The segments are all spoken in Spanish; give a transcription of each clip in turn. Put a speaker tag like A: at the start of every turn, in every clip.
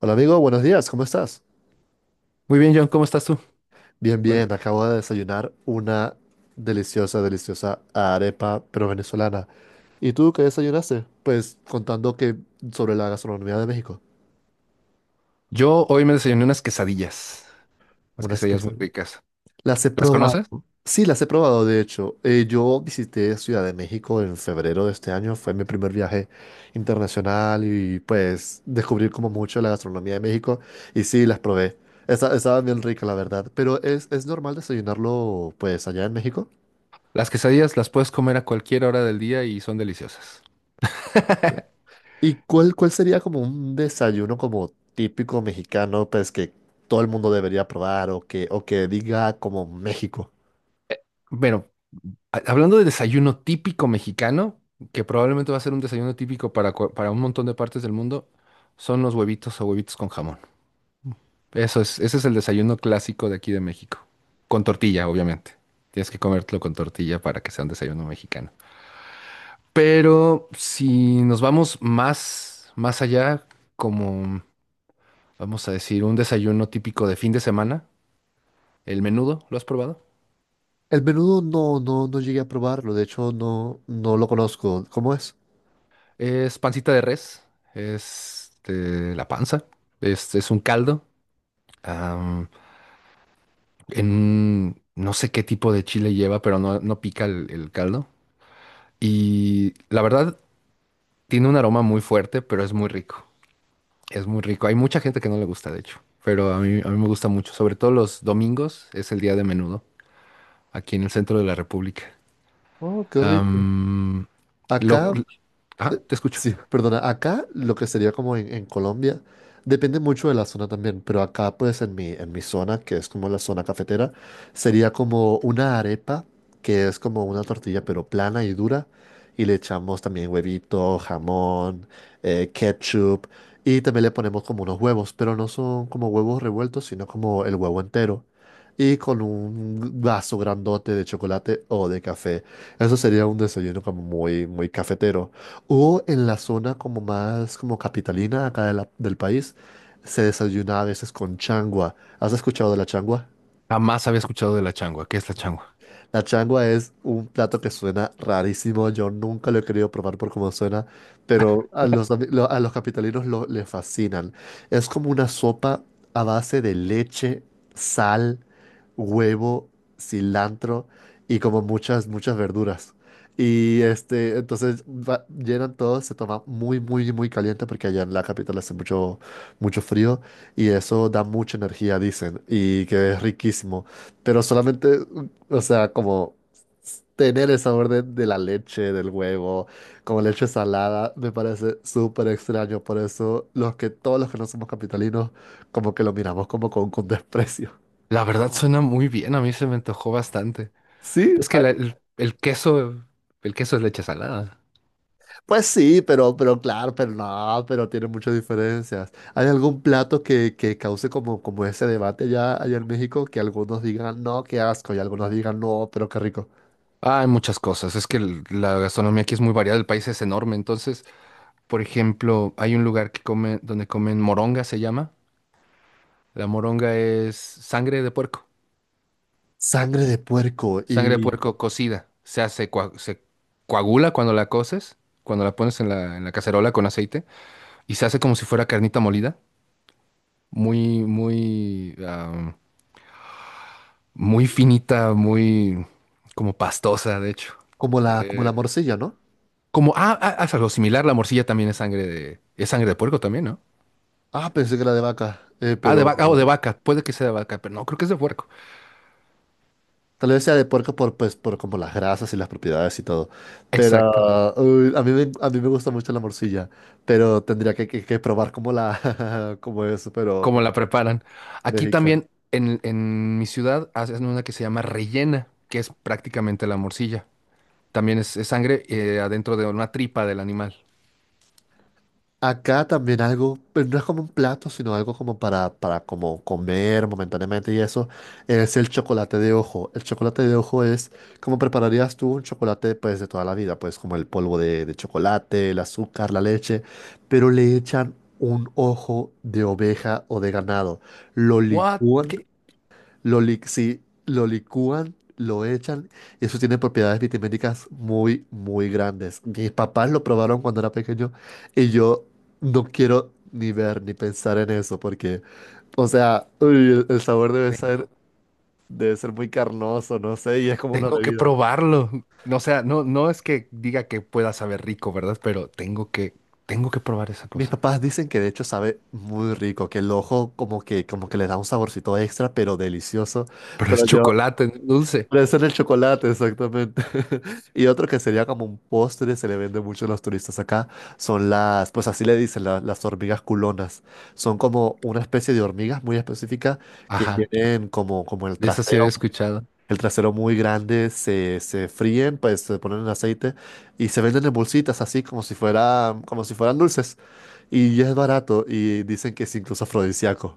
A: Hola amigo, buenos días, ¿cómo estás?
B: Muy bien, John, ¿cómo estás tú?
A: Bien,
B: Bueno,
A: bien, acabo de desayunar una deliciosa, deliciosa arepa, pero venezolana. ¿Y tú qué desayunaste? Pues contando que sobre la gastronomía de México,
B: yo hoy me desayuné unas
A: unas
B: quesadillas muy
A: quesadillas.
B: ricas.
A: Las he
B: ¿Las
A: probado.
B: conoces?
A: Sí, las he probado, de hecho. Yo visité Ciudad de México en febrero de este año, fue mi primer viaje internacional y pues descubrí como mucho la gastronomía de México y sí, las probé. Estaban bien ricas, la verdad, pero es normal desayunarlo pues allá en México.
B: Las quesadillas las puedes comer a cualquier hora del día y son deliciosas.
A: ¿Y cuál sería como un desayuno como típico mexicano, pues que todo el mundo debería probar o que diga como México?
B: Bueno, hablando de desayuno típico mexicano, que probablemente va a ser un desayuno típico para, para un montón de partes del mundo, son los huevitos o huevitos con jamón. Ese es el desayuno clásico de aquí de México. Con tortilla, obviamente. Tienes que comértelo con tortilla para que sea un desayuno mexicano. Pero si nos vamos más allá, como vamos a decir, un desayuno típico de fin de semana, el menudo, ¿lo has probado?
A: El menudo, no, no llegué a probarlo. De hecho, no lo conozco. ¿Cómo es?
B: Es pancita de res, es este, la panza, es un caldo, am, no sé qué tipo de chile lleva, pero no, no pica el caldo. Y la verdad, tiene un aroma muy fuerte, pero es muy rico, es muy rico. Hay mucha gente que no le gusta, de hecho, pero a mí me gusta mucho, sobre todo los domingos, es el día de menudo aquí en el centro de la República.
A: Oh, qué rico. Sí.
B: Am, lo,
A: Acá,
B: ah, te escucho.
A: Sí, perdona, acá lo que sería como en Colombia, depende mucho de la zona también, pero acá pues en mi zona, que es como la zona cafetera, sería como una arepa, que es como una tortilla pero plana y dura, y le echamos también huevito, jamón, ketchup, y también le ponemos como unos huevos, pero no son como huevos revueltos, sino como el huevo entero, y con un vaso grandote de chocolate o de café. Eso sería un desayuno como muy, muy cafetero. O en la zona como más como capitalina acá de del país, se desayuna a veces con changua. ¿Has escuchado de la changua?
B: Jamás había escuchado de la changua. ¿Qué es la changua?
A: La changua es un plato que suena rarísimo. Yo nunca lo he querido probar por cómo suena, pero a los capitalinos, les fascinan. Es como una sopa a base de leche, sal, huevo, cilantro y como muchas, muchas verduras. Y entonces llenan todo, se toma muy, muy, muy caliente porque allá en la capital hace mucho, mucho frío y eso da mucha energía, dicen, y que es riquísimo. Pero solamente, o sea, como tener el sabor de la leche, del huevo, como leche salada, me parece súper extraño. Por eso los que todos los que no somos capitalinos, como que lo miramos como con desprecio.
B: La verdad suena muy bien, a mí se me antojó bastante.
A: Sí,
B: Es que el queso es leche salada.
A: pues sí, pero claro, pero no, pero tiene muchas diferencias. ¿Hay algún plato que cause como ese debate allá en México? Que algunos digan, no, qué asco, y algunos digan, no, pero qué rico.
B: Ah, hay muchas cosas. Es que la gastronomía aquí es muy variada, el país es enorme. Entonces, por ejemplo, hay un lugar que come, donde comen moronga, se llama. La moronga es sangre de puerco.
A: Sangre de puerco
B: Sangre de
A: y
B: puerco cocida. O sea, se coagula cuando la coces, cuando la pones en en la cacerola con aceite, y se hace como si fuera carnita molida. Muy, muy finita, muy como pastosa, de hecho.
A: como la morcilla, ¿no?
B: Como, haz algo similar, la morcilla también es sangre de puerco también, ¿no?
A: Ah, pensé que era de vaca,
B: Ah,
A: pero
B: o de vaca, puede que sea de vaca, pero no, creo que es de puerco.
A: tal vez sea de puerco pues, por como las grasas y las propiedades y todo.
B: Exacto,
A: Pero uy, a mí me gusta mucho la morcilla, pero tendría que, que probar como como eso, pero
B: como la preparan. Aquí
A: México.
B: también, en mi ciudad, hacen una que se llama rellena, que es prácticamente la morcilla. También es sangre adentro de una tripa del animal.
A: Acá también algo, pero no es como un plato, sino algo como para, como comer momentáneamente y eso, es el chocolate de ojo. El chocolate de ojo es como prepararías tú un chocolate pues de toda la vida, pues como el polvo de chocolate, el azúcar, la leche, pero le echan un ojo de oveja o de ganado, lo
B: What?
A: licúan,
B: ¿Qué?
A: sí, lo licúan, lo echan, y eso tiene propiedades vitamínicas muy, muy grandes. Mis papás lo probaron cuando era pequeño y yo no quiero ni ver ni pensar en eso porque, o sea, uy, el sabor debe ser,
B: Tengo,
A: muy carnoso, no sé, y es como una
B: tengo que
A: bebida.
B: probarlo. No, o sea, no, no es que diga que pueda saber rico, ¿verdad? Pero tengo que probar esa
A: Mis
B: cosa.
A: papás dicen que de hecho sabe muy rico, que el ojo como que le da un saborcito extra, pero delicioso.
B: Pero es
A: Pero yo,
B: chocolate, no es dulce.
A: Puede ser el chocolate, exactamente. Y otro que sería como un postre, se le vende mucho a los turistas acá, son pues así le dicen, las hormigas culonas. Son como una especie de hormigas muy específica que
B: Ajá,
A: tienen como, el
B: de esa sí había
A: trasero,
B: escuchado.
A: muy grande, se fríen, pues se ponen en aceite y se venden en bolsitas así como si fuera, como si fueran dulces. Y es barato y dicen que es incluso afrodisíaco.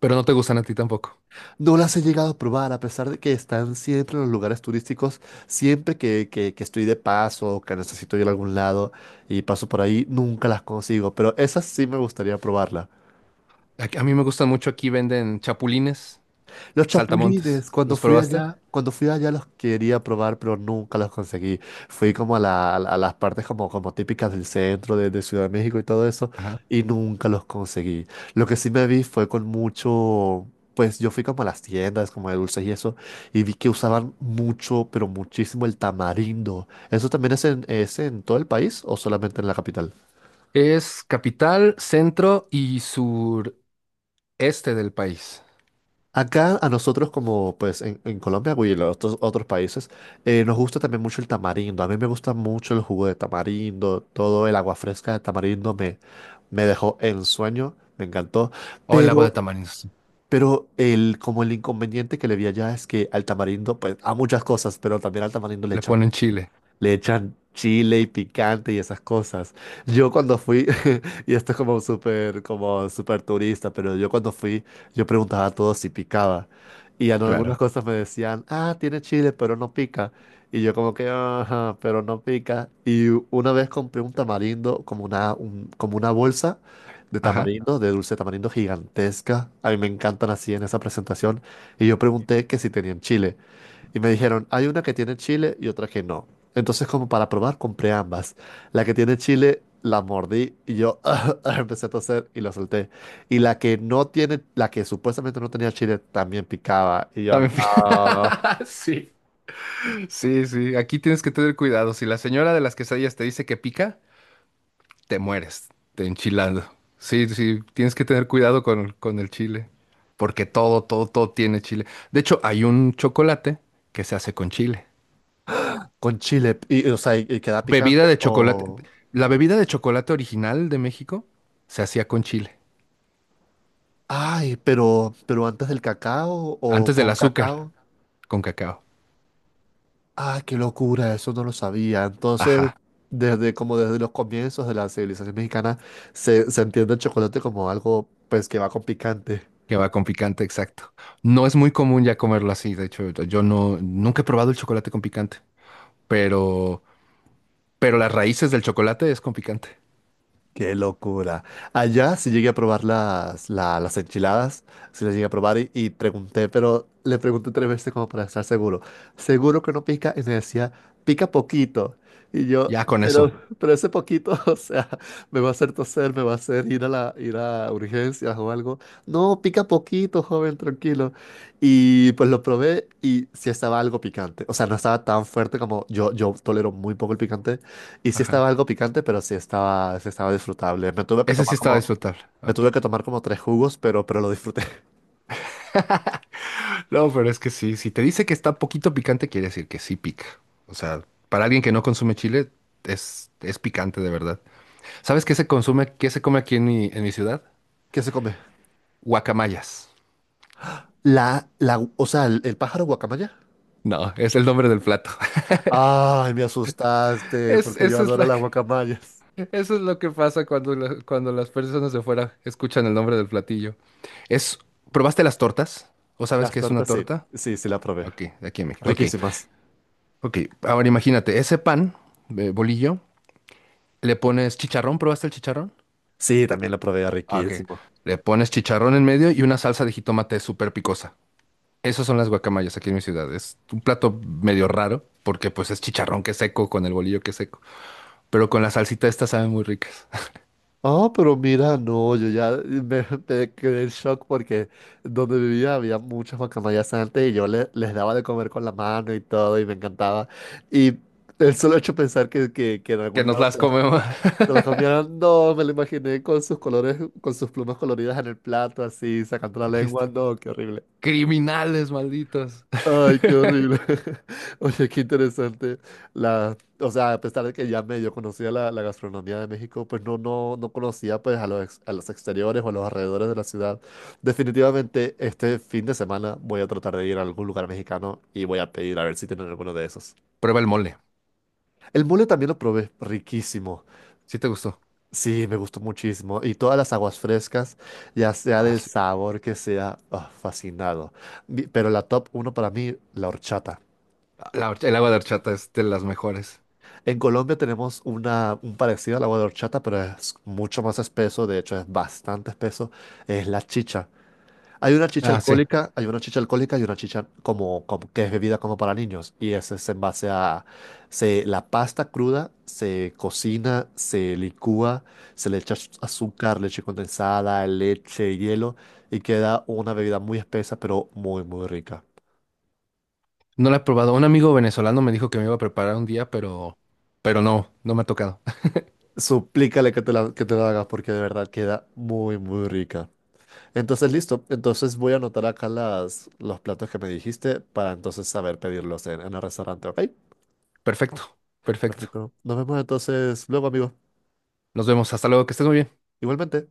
B: Pero no te gustan a ti tampoco.
A: No las he llegado a probar, a pesar de que están siempre en los lugares turísticos, siempre que, que estoy de paso o que necesito ir a algún lado y paso por ahí, nunca las consigo, pero esas sí me gustaría probarlas.
B: A mí me gustan mucho. Aquí venden chapulines,
A: Los
B: saltamontes.
A: chapulines,
B: ¿Los probaste?
A: cuando fui allá los quería probar, pero nunca los conseguí. Fui como a las partes como típicas del centro de Ciudad de México y todo eso,
B: Ajá.
A: y nunca los conseguí. Lo que sí me vi fue con mucho, pues yo fui como a las tiendas, como de dulces y eso, y vi que usaban mucho, pero muchísimo el tamarindo. ¿Eso también es en todo el país o solamente en la capital?
B: Es capital, centro y sureste del país.
A: Acá a nosotros como pues en Colombia y en otros países, nos gusta también mucho el tamarindo. A mí me gusta mucho el jugo de tamarindo, todo el agua fresca de tamarindo me dejó en sueño, me encantó.
B: O el lago
A: Pero,
B: de Tamarindos.
A: pero como el inconveniente que le vi allá es que al tamarindo, pues a muchas cosas, pero también al tamarindo
B: Le ponen chile.
A: le echan chile y picante y esas cosas. Yo cuando fui, y esto es como súper turista, pero yo cuando fui, yo preguntaba a todos si picaba. Y en algunas
B: Claro.
A: cosas me decían, ah, tiene chile, pero no pica. Y yo como que, ajá, pero no pica. Y una vez compré un tamarindo, como una bolsa de
B: Ajá.
A: tamarindo, de dulce de tamarindo gigantesca. A mí me encantan así en esa presentación. Y yo pregunté que si tenían chile. Y me dijeron, hay una que tiene chile y otra que no. Entonces, como para probar, compré ambas. La que tiene chile, la mordí y yo empecé a toser y la solté. Y la que no tiene, la que supuestamente no tenía chile, también picaba. Y yo,
B: También.
A: "No".
B: Sí, sí, sí. Aquí tienes que tener cuidado. Si la señora de las quesadillas te dice que pica, te mueres, te enchilando. Sí, sí, tienes que tener cuidado con el chile. Porque todo, todo, todo tiene chile. De hecho, hay un chocolate que se hace con chile.
A: Con chile, o sea, y queda picante
B: Bebida de chocolate.
A: o...
B: La bebida de chocolate original de México se hacía con chile.
A: Ay, pero, antes del cacao o
B: Antes del
A: con
B: azúcar,
A: cacao.
B: con cacao.
A: Ah, qué locura, eso no lo sabía. Entonces,
B: Ajá.
A: desde los comienzos de la civilización mexicana, se entiende el chocolate como algo pues que va con picante.
B: Que va con picante, exacto. No es muy común ya comerlo así, de hecho, yo no, nunca he probado el chocolate con picante, pero, pero las raíces del chocolate es con picante.
A: Qué locura. Allá sí llegué a probar las enchiladas, sí las llegué a probar y pregunté, pero le pregunté 3 veces como para estar seguro. Seguro que no pica y me decía, pica poquito. Y yo,
B: Ya con
A: pero,
B: eso.
A: pero ese poquito, o sea, me va a hacer toser, me va a hacer ir a ir a urgencias o algo. No, pica poquito, joven, tranquilo. Y pues lo probé y sí estaba algo picante. O sea, no estaba tan fuerte como yo tolero muy poco el picante y sí estaba
B: Ajá.
A: algo picante, pero sí estaba, disfrutable.
B: Ese sí estaba disfrutable.
A: Me
B: Ok.
A: tuve que tomar como 3 jugos, pero, lo disfruté.
B: No, pero es que sí, si te dice que está poquito picante, quiere decir que sí pica. O sea, para alguien que no consume chile, es picante de verdad. ¿Sabes qué se consume, qué se come aquí en en mi ciudad?
A: ¿Qué se come?
B: Guacamayas.
A: O sea, el pájaro guacamaya.
B: No, es el nombre del plato.
A: Ay, me asustaste,
B: Es,
A: porque yo
B: esa es
A: adoro
B: la.
A: las guacamayas.
B: Eso es lo que pasa cuando, cuando las personas de fuera escuchan el nombre del platillo. Es, ¿probaste las tortas? ¿O sabes
A: Las
B: qué es una
A: tortas, sí.
B: torta?
A: Sí, sí la probé.
B: Ok, de aquí en México. Ok,
A: Riquísimas.
B: ok. Ahora imagínate, ese pan, bolillo, le pones chicharrón. ¿Probaste el chicharrón?
A: Sí, también la probé,
B: Ah, ok.
A: riquísimo.
B: Le pones chicharrón en medio y una salsa de jitomate súper picosa. Esas son las guacamayas aquí en mi ciudad. Es un plato medio raro porque pues es chicharrón que es seco con el bolillo que es seco. Pero con la salsita estas saben muy ricas.
A: Ah, pero mira, no, yo ya me, me quedé en shock porque donde vivía había muchas guacamayas antes y yo les daba de comer con la mano y todo y me encantaba. Y el solo hecho de pensar que en
B: Que
A: algún
B: nos
A: lado
B: las
A: se las,
B: comemos.
A: se las comieran, no, me lo imaginé con sus colores, con sus plumas coloridas en el plato, así, sacando la lengua,
B: Dijiste.
A: no, qué horrible.
B: Criminales, malditos.
A: Ay, qué horrible. Oye, qué interesante. O sea, a pesar de que ya medio conocía la gastronomía de México, pues no conocía pues a los exteriores o a los alrededores de la ciudad. Definitivamente este fin de semana voy a tratar de ir a algún lugar mexicano y voy a pedir a ver si tienen alguno de esos.
B: Prueba el mole.
A: El mole también lo probé, riquísimo.
B: ¿Sí te gustó?
A: Sí, me gustó muchísimo. Y todas las aguas frescas, ya sea
B: Ah,
A: del
B: sí.
A: sabor que sea, fascinado. Pero la top uno para mí, la horchata.
B: El agua de horchata es de las mejores.
A: En Colombia tenemos una, un parecido al agua de horchata, pero es mucho más espeso, de hecho es bastante espeso, es la chicha. Hay una chicha
B: Ah, sí.
A: alcohólica, hay una chicha alcohólica y una chicha que es bebida como para niños. Y ese es en base a la pasta cruda, se cocina, se licúa, se le echa azúcar, leche condensada, leche, hielo y queda una bebida muy espesa, pero muy, muy rica.
B: No la he probado. Un amigo venezolano me dijo que me iba a preparar un día, pero no, no me ha tocado.
A: Suplícale que te la hagas porque de verdad queda muy, muy rica. Entonces, listo. Entonces voy a anotar acá las, los platos que me dijiste para entonces saber pedirlos en el restaurante, ¿ok?
B: Perfecto, perfecto.
A: Perfecto. Nos vemos entonces luego, amigo.
B: Nos vemos. Hasta luego, que estés muy bien.
A: Igualmente.